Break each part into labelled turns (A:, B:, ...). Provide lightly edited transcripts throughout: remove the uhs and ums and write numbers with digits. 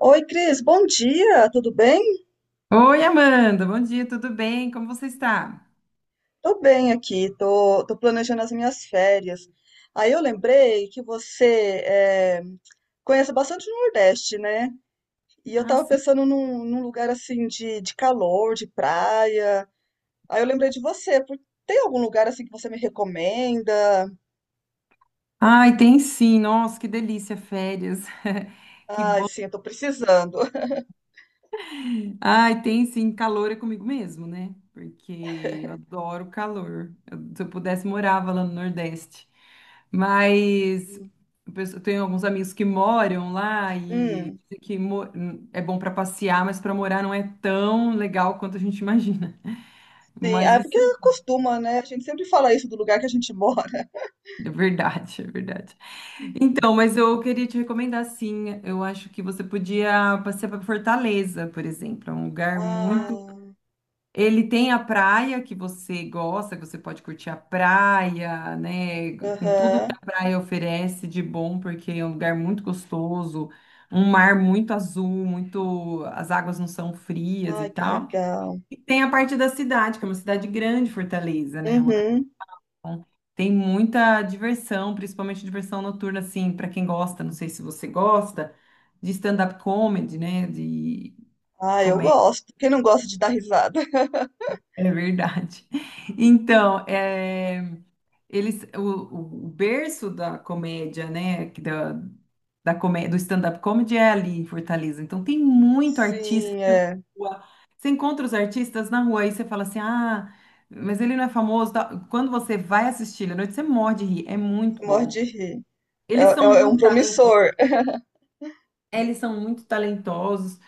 A: Oi, Cris, bom dia, tudo bem?
B: Oi, Amanda, bom dia, tudo bem? Como você está?
A: Tô bem aqui, tô planejando as minhas férias. Aí eu lembrei que você conhece bastante o Nordeste, né? E eu
B: Ah,
A: tava
B: sim.
A: pensando num lugar assim de calor, de praia. Aí eu lembrei de você, tem algum lugar assim que você me recomenda?
B: Ai, tem sim, nossa, que delícia, férias. Que...
A: Ai, sim, eu tô precisando.
B: Ai, tem sim, calor é comigo mesmo, né? Porque eu adoro calor. Se eu pudesse, morava lá no Nordeste. Mas eu tenho alguns amigos que moram lá e
A: Hum,
B: dizem que é bom para passear, mas para morar não é tão legal quanto a gente imagina.
A: sim,
B: Mas
A: ah, é porque
B: isso
A: costuma, né? A gente sempre fala isso do lugar que a gente mora.
B: é verdade, é verdade. Então, mas eu queria te recomendar sim. Eu acho que você podia passear para Fortaleza, por exemplo. É um lugar muito.
A: Ah,
B: Ele tem a praia que você gosta, que você pode curtir a praia, né? Com tudo que
A: aham.
B: a praia oferece de bom, porque é um lugar muito gostoso, um mar muito azul, muito. As águas não são frias e
A: Ai, que
B: tal.
A: legal.
B: E tem a parte da cidade, que é uma cidade grande, Fortaleza, né? Uma
A: Uhum.
B: Bom, tem muita diversão, principalmente diversão noturna, assim, para quem gosta, não sei se você gosta, de stand-up comedy, né? De
A: Ah, eu
B: comédia,
A: gosto. Quem não gosta de dar risada?
B: é verdade. Então, é, eles, o berço da comédia, né? Da comédia, do stand-up comedy é ali em Fortaleza. Então, tem muito artista
A: Sim,
B: de
A: é.
B: rua. Você encontra os artistas na rua e você fala assim, ah, mas ele não é famoso, tal. Quando você vai assistir ele à noite, você morre de rir. É muito
A: Morre
B: bom.
A: de rir. É,
B: Eles são
A: é- é um
B: muito talentosos,
A: promissor.
B: eles são muito talentosos.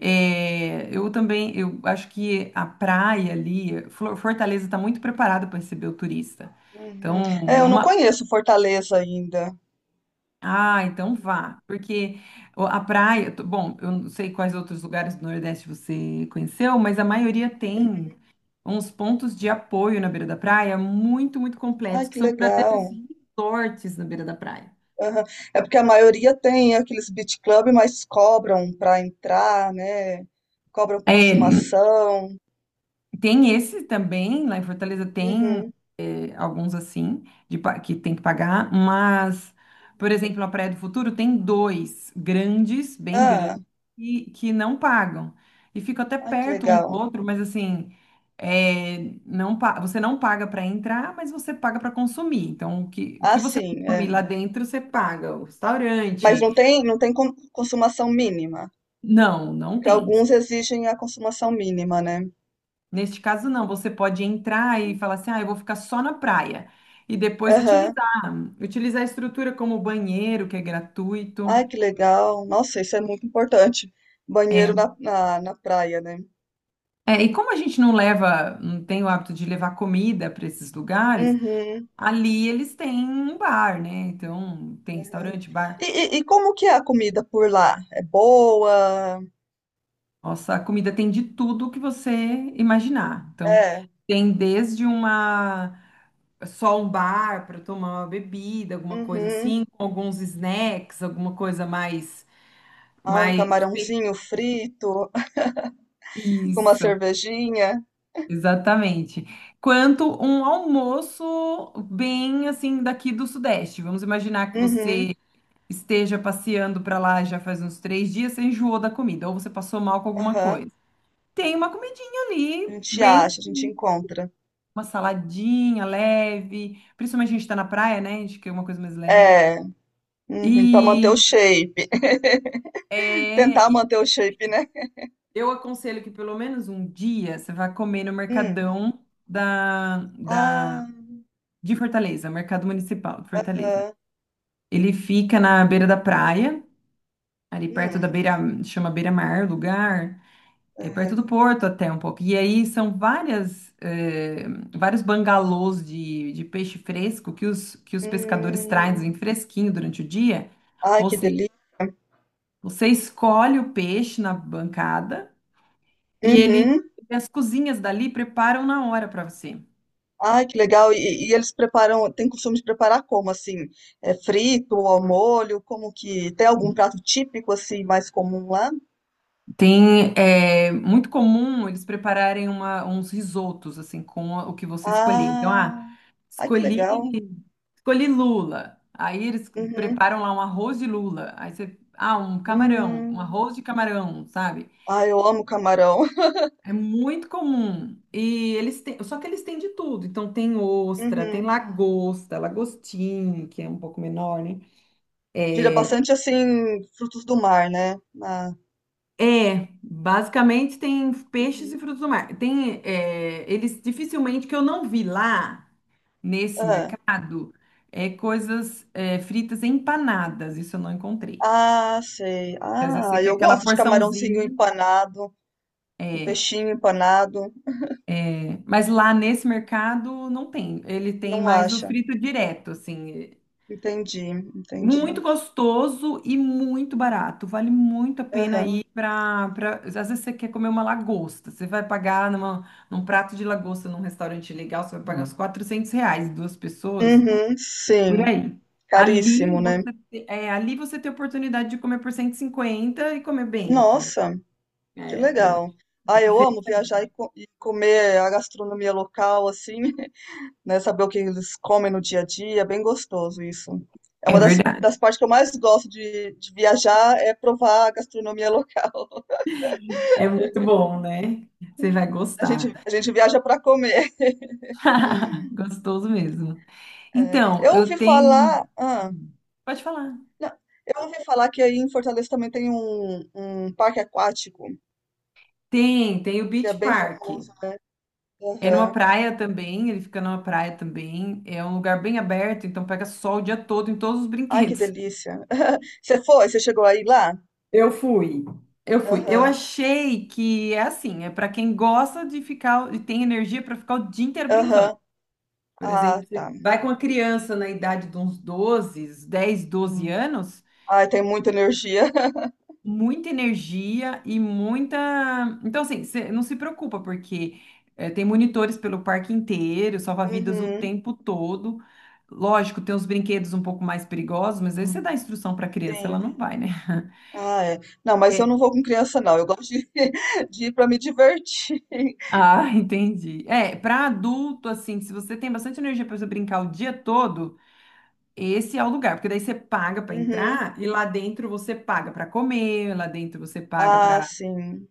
B: É, eu também, eu acho que a praia ali, Fortaleza está muito preparada para receber o turista.
A: Uhum.
B: Então,
A: É, eu não conheço Fortaleza ainda.
B: então vá, porque a praia, bom, eu não sei quais outros lugares do Nordeste você conheceu, mas a maioria tem uns pontos de apoio na beira da praia muito, muito
A: Ai,
B: completos, que
A: que
B: são
A: legal.
B: verdadeiros resorts na beira da praia.
A: Aham. É porque a maioria tem aqueles beach club, mas cobram para entrar, né? Cobram
B: É,
A: consumação.
B: tem esse também, lá em Fortaleza tem
A: Uhum.
B: alguns assim, de, que tem que pagar, mas, por exemplo, a Praia do Futuro tem dois grandes, bem
A: Ah,
B: grandes, que não pagam. E fica até
A: ai, que
B: perto um do
A: legal.
B: outro, mas assim, é, não, você não paga para entrar, mas você paga para consumir. Então, o que
A: Ah,
B: você
A: sim,
B: consumir
A: é.
B: lá dentro, você paga. O
A: Mas
B: restaurante.
A: não tem consumação mínima,
B: Não, não
A: porque
B: tem.
A: alguns exigem a consumação mínima, né?
B: Neste caso, não. Você pode entrar e falar assim, ah, eu vou ficar só na praia. E depois
A: Aham.
B: utilizar a estrutura como banheiro, que é gratuito.
A: Ai, que legal. Nossa, isso é muito importante.
B: É,
A: Banheiro na praia, né?
B: é, e como a gente não leva, não tem o hábito de levar comida para esses lugares,
A: Uhum.
B: ali eles têm um bar, né? Então, tem restaurante, bar.
A: E como que é a comida por lá? É boa?
B: Nossa, a comida tem de tudo que você imaginar. Então,
A: É.
B: tem desde uma só um bar para tomar uma bebida, alguma coisa
A: Uhum.
B: assim, com alguns snacks, alguma coisa mais.
A: Ai, um
B: Mas
A: camarãozinho frito, com uma
B: isso,
A: cervejinha.
B: exatamente. Quanto um almoço bem assim daqui do Sudeste. Vamos imaginar que
A: Uhum.
B: você esteja passeando para lá já faz uns 3 dias, você enjoou da comida, ou você passou mal com alguma
A: Aham.
B: coisa. Tem uma comidinha
A: A
B: ali,
A: gente
B: bem,
A: acha, a gente encontra.
B: uma saladinha leve, principalmente a gente está na praia, né? A gente quer uma coisa mais leve.
A: É. Uhum. Pra manter o
B: E,
A: shape.
B: é,
A: Tentar
B: e
A: manter o shape, né?
B: eu aconselho que pelo menos um dia você vá comer no
A: Hum.
B: mercadão da, da
A: Ah,
B: de Fortaleza, Mercado Municipal de Fortaleza.
A: aham.
B: Ele fica na beira da praia, ali perto da
A: Hum.
B: beira, chama Beira-Mar, o lugar, é
A: Aham.
B: perto do porto até um pouco. E aí são vários bangalôs de peixe fresco que os pescadores
A: Hum.
B: trazem fresquinho durante o dia.
A: Ai, que
B: Você,
A: delícia.
B: Você escolhe o peixe na bancada e ele,
A: Uhum.
B: as cozinhas dali preparam na hora para você.
A: Ai, que legal. E eles preparam, tem costume de preparar como, assim? É frito ou ao molho? Como que, tem algum prato típico, assim, mais comum lá?
B: Tem, é muito comum eles prepararem uns risotos, assim, com o que você escolher. Então,
A: Ah,
B: ah,
A: ai, que
B: escolhi,
A: legal.
B: escolhi lula. Aí eles
A: Uhum.
B: preparam lá um arroz de lula. Aí você, ah, um camarão, um
A: Hum.
B: arroz de camarão, sabe?
A: Ai, eu amo camarão.
B: É muito comum. E eles têm, só que eles têm de tudo. Então, tem ostra, tem
A: Uhum.
B: lagosta, lagostim, que é um pouco menor, né?
A: Gira bastante, assim, frutos do mar, né? Ah,
B: Basicamente tem peixes e
A: uhum.
B: frutos do mar. Tem, é, eles dificilmente que eu não vi lá nesse
A: Ah,
B: mercado é coisas é, fritas empanadas. Isso eu não encontrei.
A: ah, sei.
B: Porque às vezes você
A: Ah,
B: quer
A: eu
B: aquela
A: gosto de camarãozinho
B: porçãozinha,
A: empanado, um
B: é,
A: peixinho empanado.
B: mas lá nesse mercado não tem. Ele tem
A: Não
B: mais o
A: acha?
B: frito direto, assim.
A: Entendi,
B: Muito
A: entendi.
B: gostoso e muito barato. Vale muito a pena
A: Aham.
B: Ir para, para... Às vezes você quer comer uma lagosta. Você vai pagar numa, num prato de lagosta num restaurante legal, você vai pagar uns R$ 400, duas pessoas,
A: Uhum,
B: por
A: sim,
B: aí. Ali
A: caríssimo, né?
B: você, é, ali você tem a oportunidade de comer por 150 e comer bem, entendeu?
A: Nossa, que
B: É, é
A: legal.
B: uma
A: Ah, eu
B: diferença.
A: amo viajar e, e comer a gastronomia local, assim, né? Saber o que eles comem no dia a dia, é bem gostoso isso. É
B: É
A: uma das,
B: verdade.
A: das partes que eu mais gosto de viajar, é provar a gastronomia local.
B: É muito bom, né? Você vai
A: A gente,
B: gostar.
A: a gente viaja para comer.
B: Gostoso mesmo.
A: É,
B: Então,
A: eu
B: eu
A: ouvi
B: tenho...
A: falar, ah,
B: Hum, Pode falar.
A: não, eu ouvi falar que aí em Fortaleza também tem um parque aquático,
B: Tem o
A: que é
B: Beach
A: bem
B: Park.
A: famoso, né?
B: É numa
A: Aham.
B: praia também, ele fica numa praia também. É um lugar bem aberto, então pega sol o dia todo em todos os
A: Ai, que
B: brinquedos.
A: delícia. Você foi? Você chegou aí lá?
B: Eu fui. Eu fui. Eu
A: Aham,
B: achei que é assim, é para quem gosta de ficar e tem energia para ficar o dia inteiro
A: aham.
B: brincando. Por exemplo,
A: Ah,
B: você
A: tá.
B: vai com uma criança na idade de uns 12 anos,
A: Ai, tem muita energia.
B: muita energia e muita. Então, assim, você não se preocupa, porque tem monitores pelo parque inteiro, salva-vidas o
A: Uhum,
B: tempo todo. Lógico, tem uns brinquedos um pouco mais perigosos, mas aí você dá instrução para a criança, ela
A: sim.
B: não vai, né?
A: Ah, é. Não, mas eu
B: É.
A: não vou com criança, não. Eu gosto de, de ir para me divertir.
B: Ah, entendi. É, para adulto, assim, se você tem bastante energia para você brincar o dia todo, esse é o lugar, porque daí você paga para
A: Uhum.
B: entrar e lá dentro você paga para comer, lá dentro você paga
A: Ah, sim.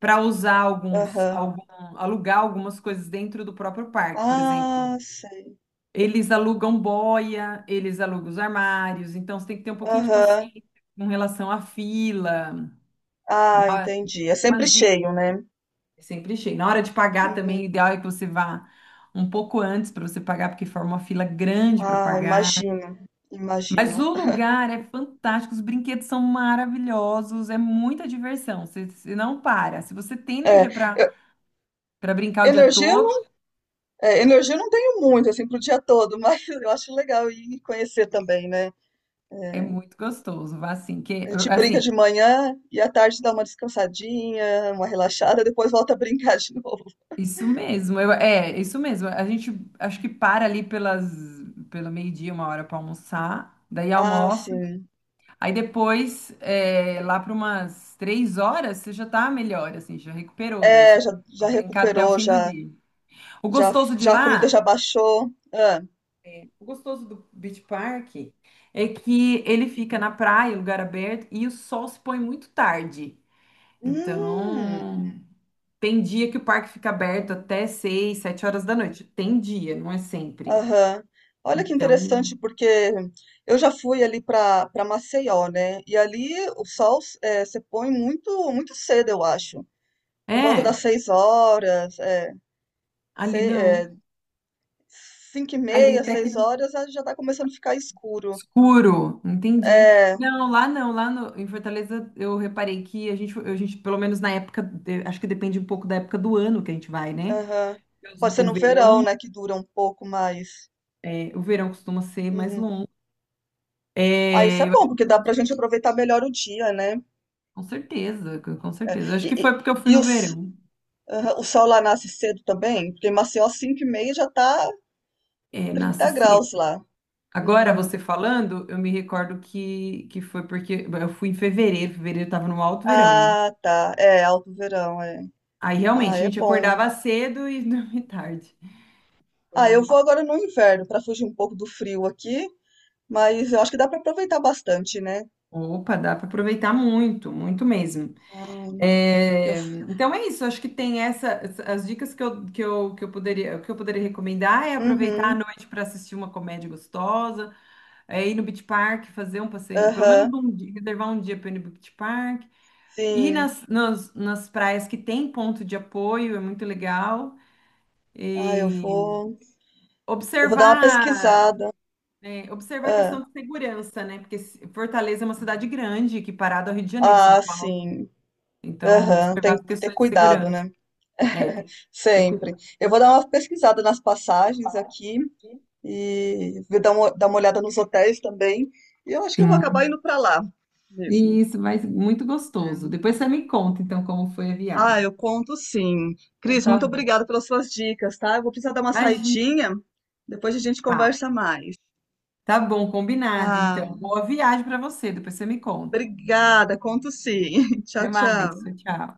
B: para usar
A: Aham.
B: algum, alugar algumas coisas dentro do próprio parque, por exemplo.
A: Ah, sei.
B: Eles alugam boia, eles alugam os armários, então você tem que ter um pouquinho de
A: Aham.
B: paciência com relação à fila. Na
A: Ah,
B: hora- Tem
A: entendi. É sempre
B: umas dicas
A: cheio, né?
B: sempre achei. Na hora de pagar também, o
A: Uhum.
B: ideal é que você vá um pouco antes para você pagar, porque forma uma fila grande para
A: Ah,
B: pagar.
A: imagino. Imagino.
B: Mas o lugar é fantástico, os brinquedos são maravilhosos, é muita diversão. Você não para. Se você tem
A: É,
B: energia para
A: eu-
B: para brincar o dia
A: energia
B: todo,
A: Energia eu não tenho muito, assim, pro dia todo, mas eu acho legal ir conhecer também, né?
B: é
A: É,
B: muito gostoso, vá assim, que,
A: a gente brinca
B: assim,
A: de manhã e à tarde dá uma descansadinha, uma relaxada, depois volta a brincar de novo.
B: isso mesmo, é, isso mesmo, a gente, acho que para ali pelo meio-dia, uma hora para almoçar, daí
A: Ah,
B: almoça,
A: sim.
B: aí depois, é, lá para umas 3 horas, você já tá melhor, assim, já recuperou, daí você
A: É, já,
B: vai
A: já
B: brincar até o
A: recuperou,
B: fim do
A: já,
B: dia. O
A: já,
B: gostoso de
A: já a comida já
B: lá,
A: baixou. Ah,
B: o gostoso do Beach Park é que ele fica na praia, lugar aberto, e o sol se põe muito tarde,
A: hum,
B: então... Tem dia que o parque fica aberto até seis, sete horas da noite. Tem dia, não é sempre.
A: aham. Olha que
B: Então,
A: interessante, porque eu já fui ali para Maceió, né? E ali o sol se põe muito, muito cedo, eu acho. Por volta
B: é,
A: das 6 horas, é,
B: ali
A: sei, é,
B: não.
A: cinco e
B: Ali
A: meia,
B: até que
A: 6 horas, ah, já está começando a ficar escuro.
B: escuro, entendi.
A: É,
B: Não, lá não, lá no- em Fortaleza eu reparei que a gente, pelo menos na época, acho que depende um pouco da época do ano que a gente vai, né?
A: aham. Pode ser
B: O
A: no verão,
B: verão,
A: né, que dura um pouco mais.
B: o verão costuma ser mais
A: Uhum.
B: longo.
A: Ah, isso
B: É,
A: é
B: eu
A: bom,
B: acho que
A: porque dá
B: foi,
A: pra gente aproveitar melhor o dia, né?
B: com certeza, com certeza. Eu acho que
A: E,
B: foi porque eu fui
A: e, e
B: no
A: os,
B: verão,
A: aham, o sol lá nasce cedo também? Porque em Maceió, às 5h30, já tá
B: é, na
A: 30 graus lá.
B: agora,
A: Uhum.
B: você falando, eu me recordo que foi porque eu fui em fevereiro, fevereiro tava no alto verão, né?
A: Ah, tá. É, alto verão, é.
B: Aí realmente
A: Ah,
B: a
A: é
B: gente
A: bom.
B: acordava cedo e dormia tarde.
A: Ah,
B: Foi
A: eu
B: muito.
A: vou agora no inverno pra fugir um pouco do frio aqui, mas eu acho que dá pra aproveitar bastante, né?
B: Opa, dá para aproveitar muito, muito mesmo.
A: Ah, Eu
B: É,
A: f
B: então é isso, acho que tem as dicas que que eu poderia, recomendar é aproveitar a
A: uhum,
B: noite para assistir uma comédia gostosa, é ir no Beach Park, fazer um passeio, pelo menos
A: aham,
B: um dia, reservar um dia para ir no Beach Park. E
A: sim.
B: nas praias que tem ponto de apoio, é muito legal.
A: Ah, eu
B: E
A: vou eu vou dar uma
B: observar,
A: pesquisada.
B: observar a
A: Hã.
B: questão de segurança, né? Porque Fortaleza é uma cidade grande, que parado ao Rio de Janeiro, São
A: Ah,
B: Paulo.
A: sim.
B: Então,
A: Aham, tem
B: observar as
A: que ter
B: questões de
A: cuidado,
B: segurança.
A: né.
B: É, tem que ter cuidado.
A: Sempre. Eu vou dar uma pesquisada nas passagens aqui e vou dar uma olhada nos hotéis também, e eu acho que eu vou acabar
B: Sim.
A: indo para lá
B: E
A: mesmo.
B: isso mas muito gostoso.
A: É.
B: Depois você me conta, então, como foi a
A: Ah,
B: viagem.
A: eu conto sim.
B: Então,
A: Cris,
B: tá
A: muito
B: bom.
A: obrigada pelas suas dicas, tá. Eu vou precisar dar uma
B: Imagina.
A: saidinha, depois a gente
B: Tá,
A: conversa mais.
B: tá bom, combinado, então.
A: Ah.
B: Boa viagem para você, depois você me conta.
A: Obrigada, conto sim.
B: Até
A: Tchau,
B: mais,
A: tchau.
B: tchau.